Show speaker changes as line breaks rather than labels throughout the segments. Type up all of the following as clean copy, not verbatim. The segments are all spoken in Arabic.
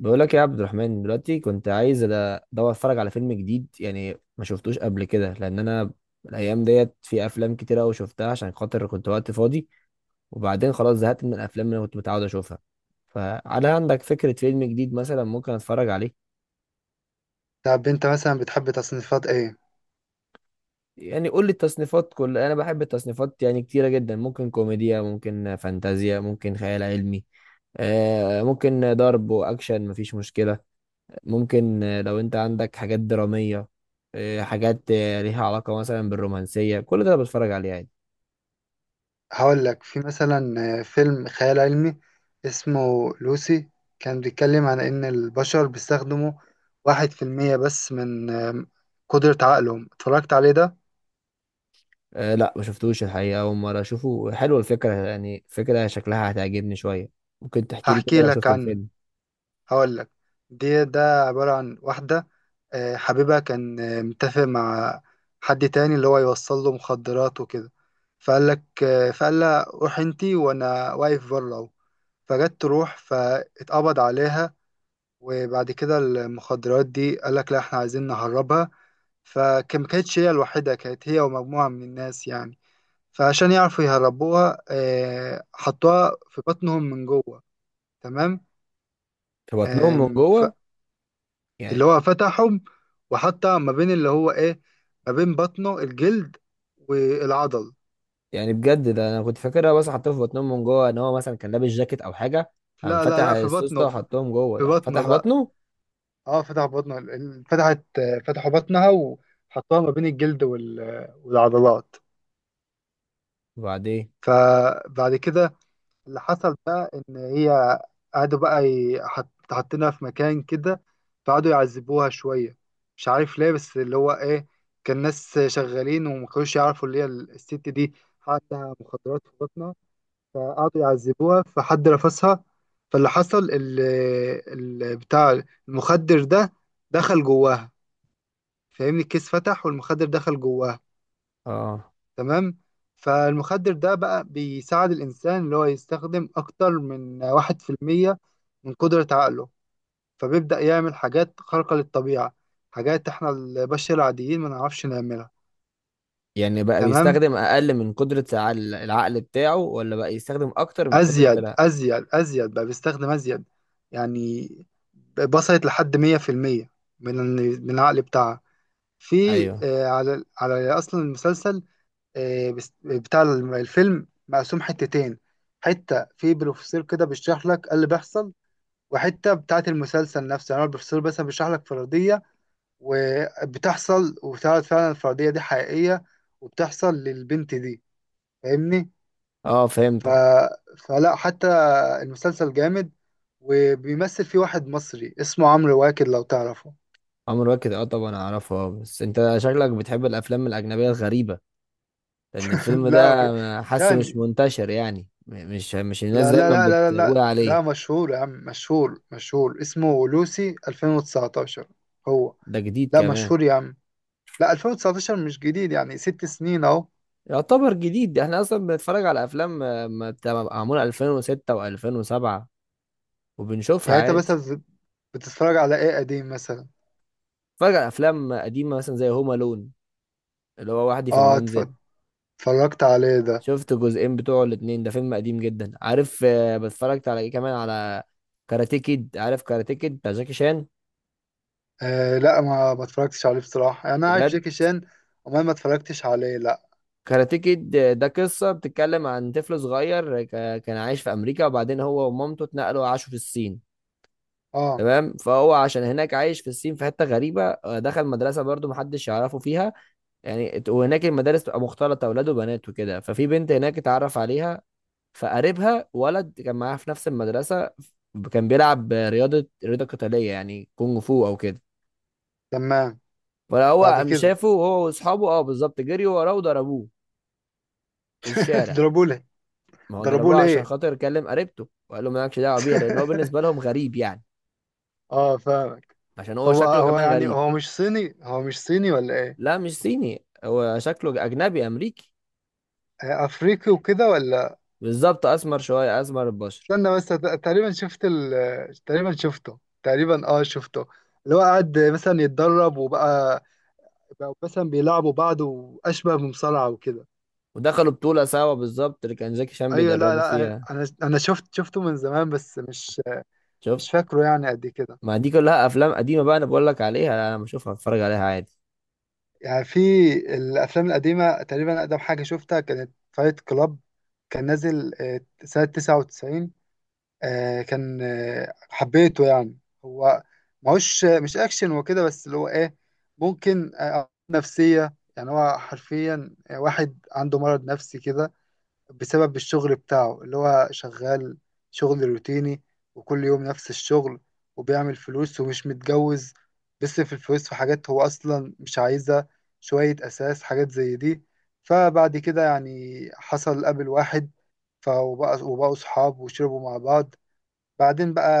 بقول لك يا عبد الرحمن، دلوقتي كنت عايز ادور اتفرج على فيلم جديد، يعني ما شفتوش قبل كده لان انا الايام ديت في افلام كتير قوي شفتها عشان خاطر كنت وقت فاضي، وبعدين خلاص زهقت من الافلام اللي انا كنت متعود اشوفها. فهل عندك فكرة فيلم جديد مثلا ممكن اتفرج عليه؟
طب انت مثلا بتحب تصنيفات ايه؟
يعني قول لي التصنيفات، كل انا بحب التصنيفات يعني كتيرة جدا، ممكن كوميديا، ممكن فانتازيا، ممكن خيال علمي. ممكن ضرب واكشن، مفيش مشكلة. ممكن، لو انت عندك حاجات درامية. حاجات ليها علاقة مثلا بالرومانسية، كل ده أنا بتفرج عليه عادي.
هقول لك في مثلا فيلم خيال علمي اسمه لوسي. كان بيتكلم عن ان البشر بيستخدموا 1% بس من قدرة عقلهم. اتفرجت عليه ده.
لا، ما شفتوش الحقيقة، أول مرة أشوفه. حلوة الفكرة، يعني فكرة شكلها هتعجبني شوية. ممكن تحكي لي كده
هحكي
لو
لك
شفت
عنه.
الفيلم؟
هقول لك. ده عبارة عن واحدة حبيبها كان متفق مع حد تاني، اللي هو يوصل له مخدرات وكده. فقال لك فقال لها روح انتي، وانا واقف بره اهو. فجت تروح فاتقبض عليها. وبعد كده المخدرات دي قال لك لا احنا عايزين نهربها. فما كانتش هي الوحيدة، كانت هي ومجموعة من الناس يعني. فعشان يعرفوا يهربوها حطوها في بطنهم من جوه. تمام.
في بطنهم
آم،
من
ف-
جوه
اللي
يعني؟
هو فتحهم وحطها ما بين اللي هو ايه، ما بين بطنه الجلد والعضل.
يعني بجد ده أنا كنت فاكرها، بس حطيته في بطنهم من جوه إن هو مثلا كان لابس جاكيت أو حاجة. قام
لا لا
فتح
لا، في
السوس ده
بطنه، في
وحطهم جوه؟
في
ده
بطنه.
فتح
لا
بطنه؟
اه فتح بطنه. ال- ال- فتحت آه، فتحوا بطنها وحطوها ما بين الجلد والعضلات.
وبعدين؟
فبعد كده اللي حصل بقى ان هي قعدوا بقى حاطينها في مكان كده. فقعدوا يعذبوها شويه، مش عارف ليه، بس اللي هو ايه، كان ناس شغالين وما كانوش يعرفوا اللي هي الست دي عندها مخدرات في بطنها. فقعدوا يعذبوها، فحد رفسها. فاللي حصل بتاع المخدر ده دخل جواها، فاهمني، الكيس فتح والمخدر دخل جواها.
اه.
تمام. فالمخدر ده بقى بيساعد الإنسان اللي هو يستخدم أكتر من 1% من قدرة عقله. فبيبدأ يعمل حاجات خارقة للطبيعة، حاجات إحنا البشر العاديين ما نعرفش نعملها.
يعني بقى
تمام.
بيستخدم أقل من قدرة العقل بتاعه، ولا بقى يستخدم أكتر من قدرة؟
أزيد أزيد أزيد، بقى بيستخدم أزيد يعني. وصلت لحد 100% من العقل بتاعها. في
ايوه.
على أصلا المسلسل. بتاع الفيلم مقسوم حتتين. حتة في بروفيسور كده بيشرح لك إيه اللي بيحصل، وحتة بتاعة المسلسل نفسه. يعني هو البروفيسور بس بيشرح لك فرضية، وبتحصل وبتعرض فعلا الفرضية دي حقيقية، وبتحصل للبنت دي، فاهمني.
اه،
ف...
فهمتك.
فلا حتى، المسلسل جامد. وبيمثل فيه واحد مصري اسمه عمرو واكد، لو تعرفه.
عمرو واكد، اه طبعا اعرفه. اه، بس انت شكلك بتحب الافلام الاجنبيه الغريبه، لان الفيلم
لا
ده حاسه مش
يعني،
منتشر، يعني مش الناس
لا لا
دايما
لا لا لا
بتقول
لا
عليه.
لا، مشهور يا عم، مشهور مشهور، اسمه لوسي 2019. هو.
ده جديد
لا
كمان؟
مشهور يا عم. لا 2019 مش جديد، يعني 6 سنين اهو.
يعتبر جديد، ده احنا اصلا بنتفرج على افلام ما بتبقى معموله 2006 و2007 وبنشوفها
يعني انت
عادي.
مثلا بتتفرج على ايه قديم مثلا؟
بنتفرج على افلام قديمه مثلا زي هوم الون، اللي هو وحدي في
اه
المنزل.
اتفرجت عليه ده.
شفت جزئين بتوعه الاتنين، ده فيلم قديم جدا. عارف، بتفرجت على ايه كمان، على كاراتيه كيد. عارف كاراتيه كيد بتاع جاكي شان؟
آه لا ما اتفرجتش عليه بصراحة، يعني انا عارف
بجد؟
جاكي شان وما ما اتفرجتش عليه، لا.
كاراتيه كيد ده قصة بتتكلم عن طفل صغير، كان عايش في أمريكا وبعدين هو ومامته اتنقلوا وعاشوا في الصين.
اه.
تمام، فهو عشان هناك عايش في الصين في حتة غريبة، دخل مدرسة برضو محدش يعرفه فيها. يعني وهناك المدارس تبقى مختلطة أولاد وبنات وكده، ففي بنت هناك اتعرف عليها. فقريبها ولد كان معاها في نفس المدرسة، كان بيلعب رياضة قتالية يعني كونغ فو أو كده.
تمام.
فهو
بعد
قام
كده
شافه هو وأصحابه. بالظبط، جريوا وراه وضربوه في الشارع.
ضربوه ليه؟
ما هو
ضربوه
ضربوه عشان
ليه؟
خاطر كلم قريبته، وقال له مالكش دعوة بيها، لأن هو بالنسبة لهم غريب يعني.
اه فاهمك.
عشان هو
هو
شكله
هو
كمان
يعني
غريب.
هو مش صيني، هو مش صيني ولا إيه؟
لا، مش صيني، هو شكله أجنبي أمريكي.
افريقي وكده ولا؟
بالظبط، أسمر شوية، أسمر البشر.
استنى بس، ت- تقريبا شفت ال... تقريبا شفته تقريبا اه شفته. اللي هو قعد مثلا يتدرب، وبقى مثلا بيلعبوا بعض واشبه بمصارعة وكده.
ودخلوا بطولة سوا، بالظبط اللي كان جاكي شان
ايوه لا
بيدربه
لا،
فيها.
انا شفته من زمان، بس مش
شفت؟
مش فاكره يعني قد كده.
ما دي كلها أفلام قديمة بقى أنا بقول لك عليها. لا أنا بشوفها، بتفرج عليها عادي.
يعني في الافلام القديمة، تقريبا اقدم حاجة شفتها كانت فايت كلاب. كان نازل سنة 99. كان حبيته يعني. هو ماهوش مش اكشن وكده، بس اللي هو ايه، ممكن نفسية. يعني هو حرفيا واحد عنده مرض نفسي كده، بسبب الشغل بتاعه اللي هو شغال. شغل روتيني، وكل يوم نفس الشغل. وبيعمل فلوس ومش متجوز. بيصرف الفلوس في حاجات هو أصلا مش عايزها، شوية أساس حاجات زي دي. فبعد كده يعني حصل قابل واحد. فبقى، وبقوا صحاب وشربوا مع بعض. بعدين بقى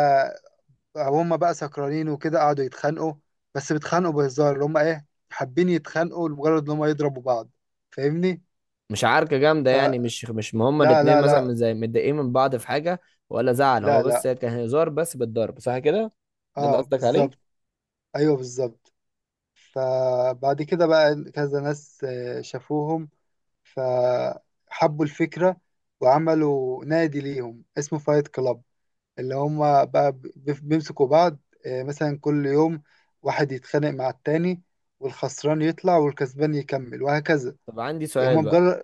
هم بقى سكرانين وكده، قعدوا يتخانقوا. بس بيتخانقوا بهزار، اللي هم ايه، حابين يتخانقوا لمجرد ان هم يضربوا بعض، فاهمني؟
مش عركة جامدة يعني؟
فلا،
مش ما هما
لا
الاتنين
لا
مثلا
لا
من زي متضايقين من بعض في حاجة ولا زعل؟ هو
لا
بس
لا
كان هزار بس بالضرب، صح كده؟ ده اللي
اه
قصدك
بالظبط.
عليه؟
ايوه بالظبط. فبعد كده بقى كذا ناس شافوهم، فحبوا الفكرة وعملوا نادي ليهم اسمه فايت كلاب. اللي هم بقى بيمسكوا بعض مثلا كل يوم، واحد يتخانق مع التاني، والخسران يطلع والكسبان يكمل، وهكذا.
طب عندي
يعني هم
سؤال بقى.
مجرد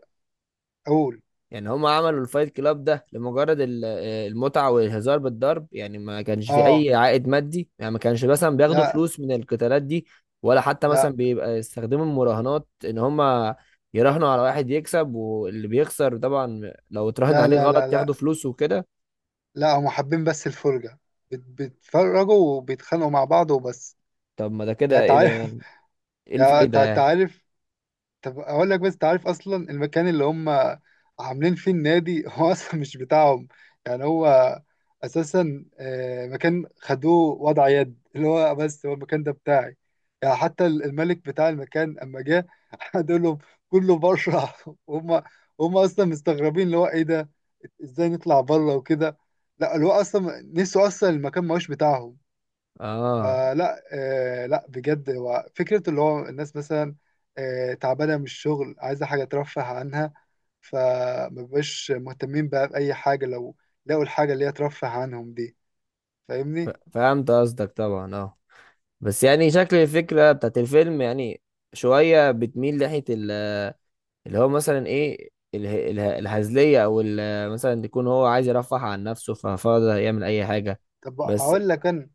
أقول
يعني هما عملوا الفايت كلاب ده لمجرد المتعة والهزار بالضرب؟ يعني ما كانش في
آه
أي عائد مادي، يعني ما كانش مثلا بياخدوا
لا
فلوس من القتالات دي؟ ولا حتى مثلا
لا
بيبقى يستخدموا المراهنات إن هما يراهنوا على واحد يكسب، واللي بيخسر طبعا لو اتراهن
لا
عليه
لا لا
غلط ياخدوا
لا
فلوس وكده؟
لا، هم حابين بس الفرجة. بيتفرجوا وبيتخانقوا مع بعض وبس.
طب ما ده
يعني
كده ايه ده؟
تعرف.
ايه
يعني
الفايدة؟
تعرف، طب اقول لك، بس انت عارف اصلا المكان اللي هم عاملين فيه النادي هو اصلا مش بتاعهم. يعني هو اساسا مكان خدوه وضع يد، اللي هو بس هو المكان ده بتاعي. يعني حتى الملك بتاع المكان اما جه قال لهم كله بره. هم اصلا مستغربين اللي هو ايه ده، ازاي نطلع بره وكده. لا اللي هو اصلا نسوا اصلا المكان ما هوش بتاعهم.
اه،
فلا، آه لا بجد، هو فكرة اللي هو الناس مثلا تعبانة من الشغل، عايزة حاجة ترفه عنها. فمبقاش مهتمين بقى بأي حاجة، لو لقوا الحاجة اللي هي ترفه عنهم دي، فاهمني؟
فهمت قصدك طبعا، اه. بس يعني شكل الفكرة بتاعت الفيلم، يعني شوية بتميل ناحية اللي هو مثلا ايه، الهزلية، او مثلا يكون هو عايز يرفه عن نفسه ففاضي يعمل اي حاجة.
طب
بس،
أقول لك أنا،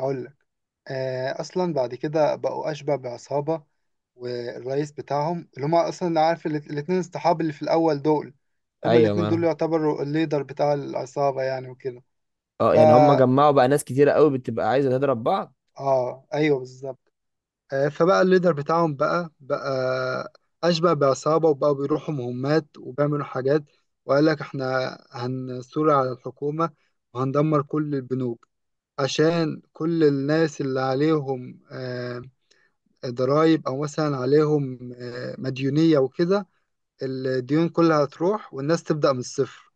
أقول لك، أصلا بعد كده بقوا أشبه بعصابة. والرئيس بتاعهم اللي هما أصلا، عارف الاتنين الصحاب اللي في الأول دول، هما
ايوه.
الاتنين دول
ما
يعتبروا الليدر بتاع العصابة يعني وكده.
اه يعني هم
فا
جمعوا بقى ناس كتيرة قوي بتبقى عايزة تضرب بعض.
آه أيوه بالظبط. فبقى الليدر بتاعهم بقى أشبه بعصابة. وبقوا بيروحوا مهمات وبيعملوا حاجات. وقال لك احنا هنثور على الحكومة وهندمر كل البنوك، عشان كل الناس اللي عليهم ضرايب أو مثلا عليهم مديونية وكده، الديون كلها هتروح والناس تبدأ من الصفر.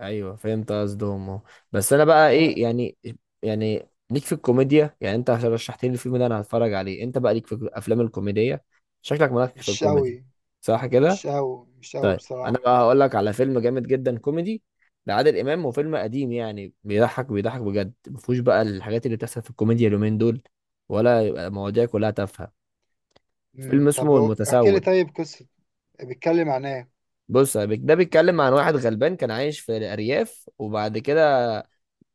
ايوه، فهمت قصدهم اهو. بس انا بقى
فلا
ايه يعني ليك في الكوميديا، يعني انت عشان رشحت لي الفيلم ده انا هتفرج عليه. انت بقى ليك في الافلام الكوميديه، شكلك مالك في
مش
الكوميدي،
أوي،
صح
مش
كده؟
أوي مش أوي
طيب، انا
بصراحة،
بقى
لا.
هقول لك على فيلم جامد جدا كوميدي لعادل امام، وفيلم قديم. يعني بيضحك بيضحك بجد، ما فيهوش بقى الحاجات اللي بتحصل في الكوميديا اليومين دول، ولا يبقى مواضيع كلها تافهه. فيلم
طب
اسمه
احكي لي
المتسول.
طيب قصة، بيتكلم عن ايه.
بص يا ده بيتكلم عن واحد غلبان كان عايش في الارياف. وبعد كده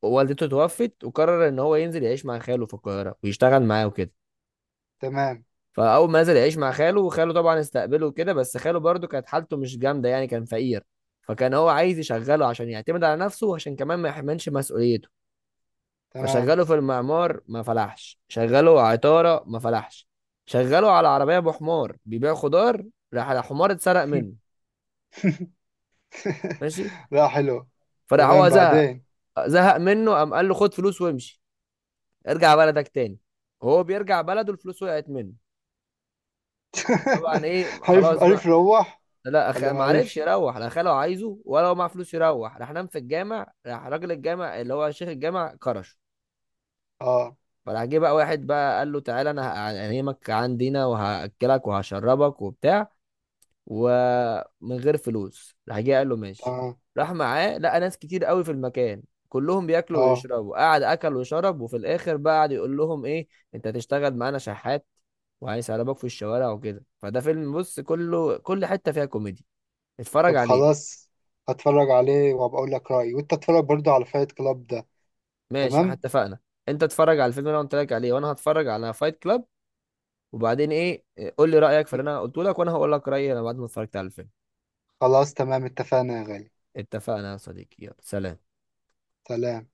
والدته توفت، وقرر ان هو ينزل يعيش مع خاله في القاهره ويشتغل معاه وكده.
تمام.
فاول ما نزل يعيش مع خاله، وخاله طبعا استقبله وكده، بس خاله برضه كانت حالته مش جامده، يعني كان فقير. فكان هو عايز يشغله عشان يعتمد على نفسه وعشان كمان ما يحملش مسؤوليته.
تمام.
فشغله في المعمار ما فلحش، شغله عطاره ما فلحش، شغله على عربيه ابو حمار بيبيع خضار. راح الحمار اتسرق منه. ماشي.
لا حلو.
فراح
تمام،
هو زهق.
بعدين.
زهق منه، قام قال له خد فلوس وامشي، ارجع بلدك تاني. وهو بيرجع بلده، الفلوس وقعت منه. طبعا ايه
عرف
خلاص
عرف
بقى.
روح
لا
ولا ما
ما عرفش
عرفش.
يروح، لا خاله عايزه ولا هو معاه فلوس يروح. راح نام في الجامع، راح راجل الجامع اللي هو شيخ الجامع كرشه.
اه.
فراح جه بقى واحد بقى قال له تعالى انا هنيمك عندنا وهاكلك وهشربك وبتاع، ومن غير فلوس. راح جه قال له ماشي.
تمام.
راح معاه، لقى ناس كتير قوي في المكان كلهم بياكلوا
اه.
ويشربوا. قعد اكل وشرب، وفي الاخر بقى قعد يقول لهم ايه، انت هتشتغل معانا شحات وهيسربك في الشوارع وكده. فده فيلم بص كله، كل حتة فيها كوميديا. اتفرج
طب
عليه.
خلاص، هتفرج عليه وهبقى اقول لك رأيي، وانت اتفرج برضو على فايت كلاب ده.
ماشي، احنا
تمام.
اتفقنا. انت اتفرج على الفيلم اللي انا قلت لك عليه وانا هتفرج على فايت كلاب. وبعدين ايه، قول لي رايك في اللي انا قلته لك وانا هقول لك رايي انا بعد ما اتفرجت على الفيلم.
خلاص تمام، اتفقنا يا غالي.
اتفقنا يا صديقي، يلا سلام.
سلام.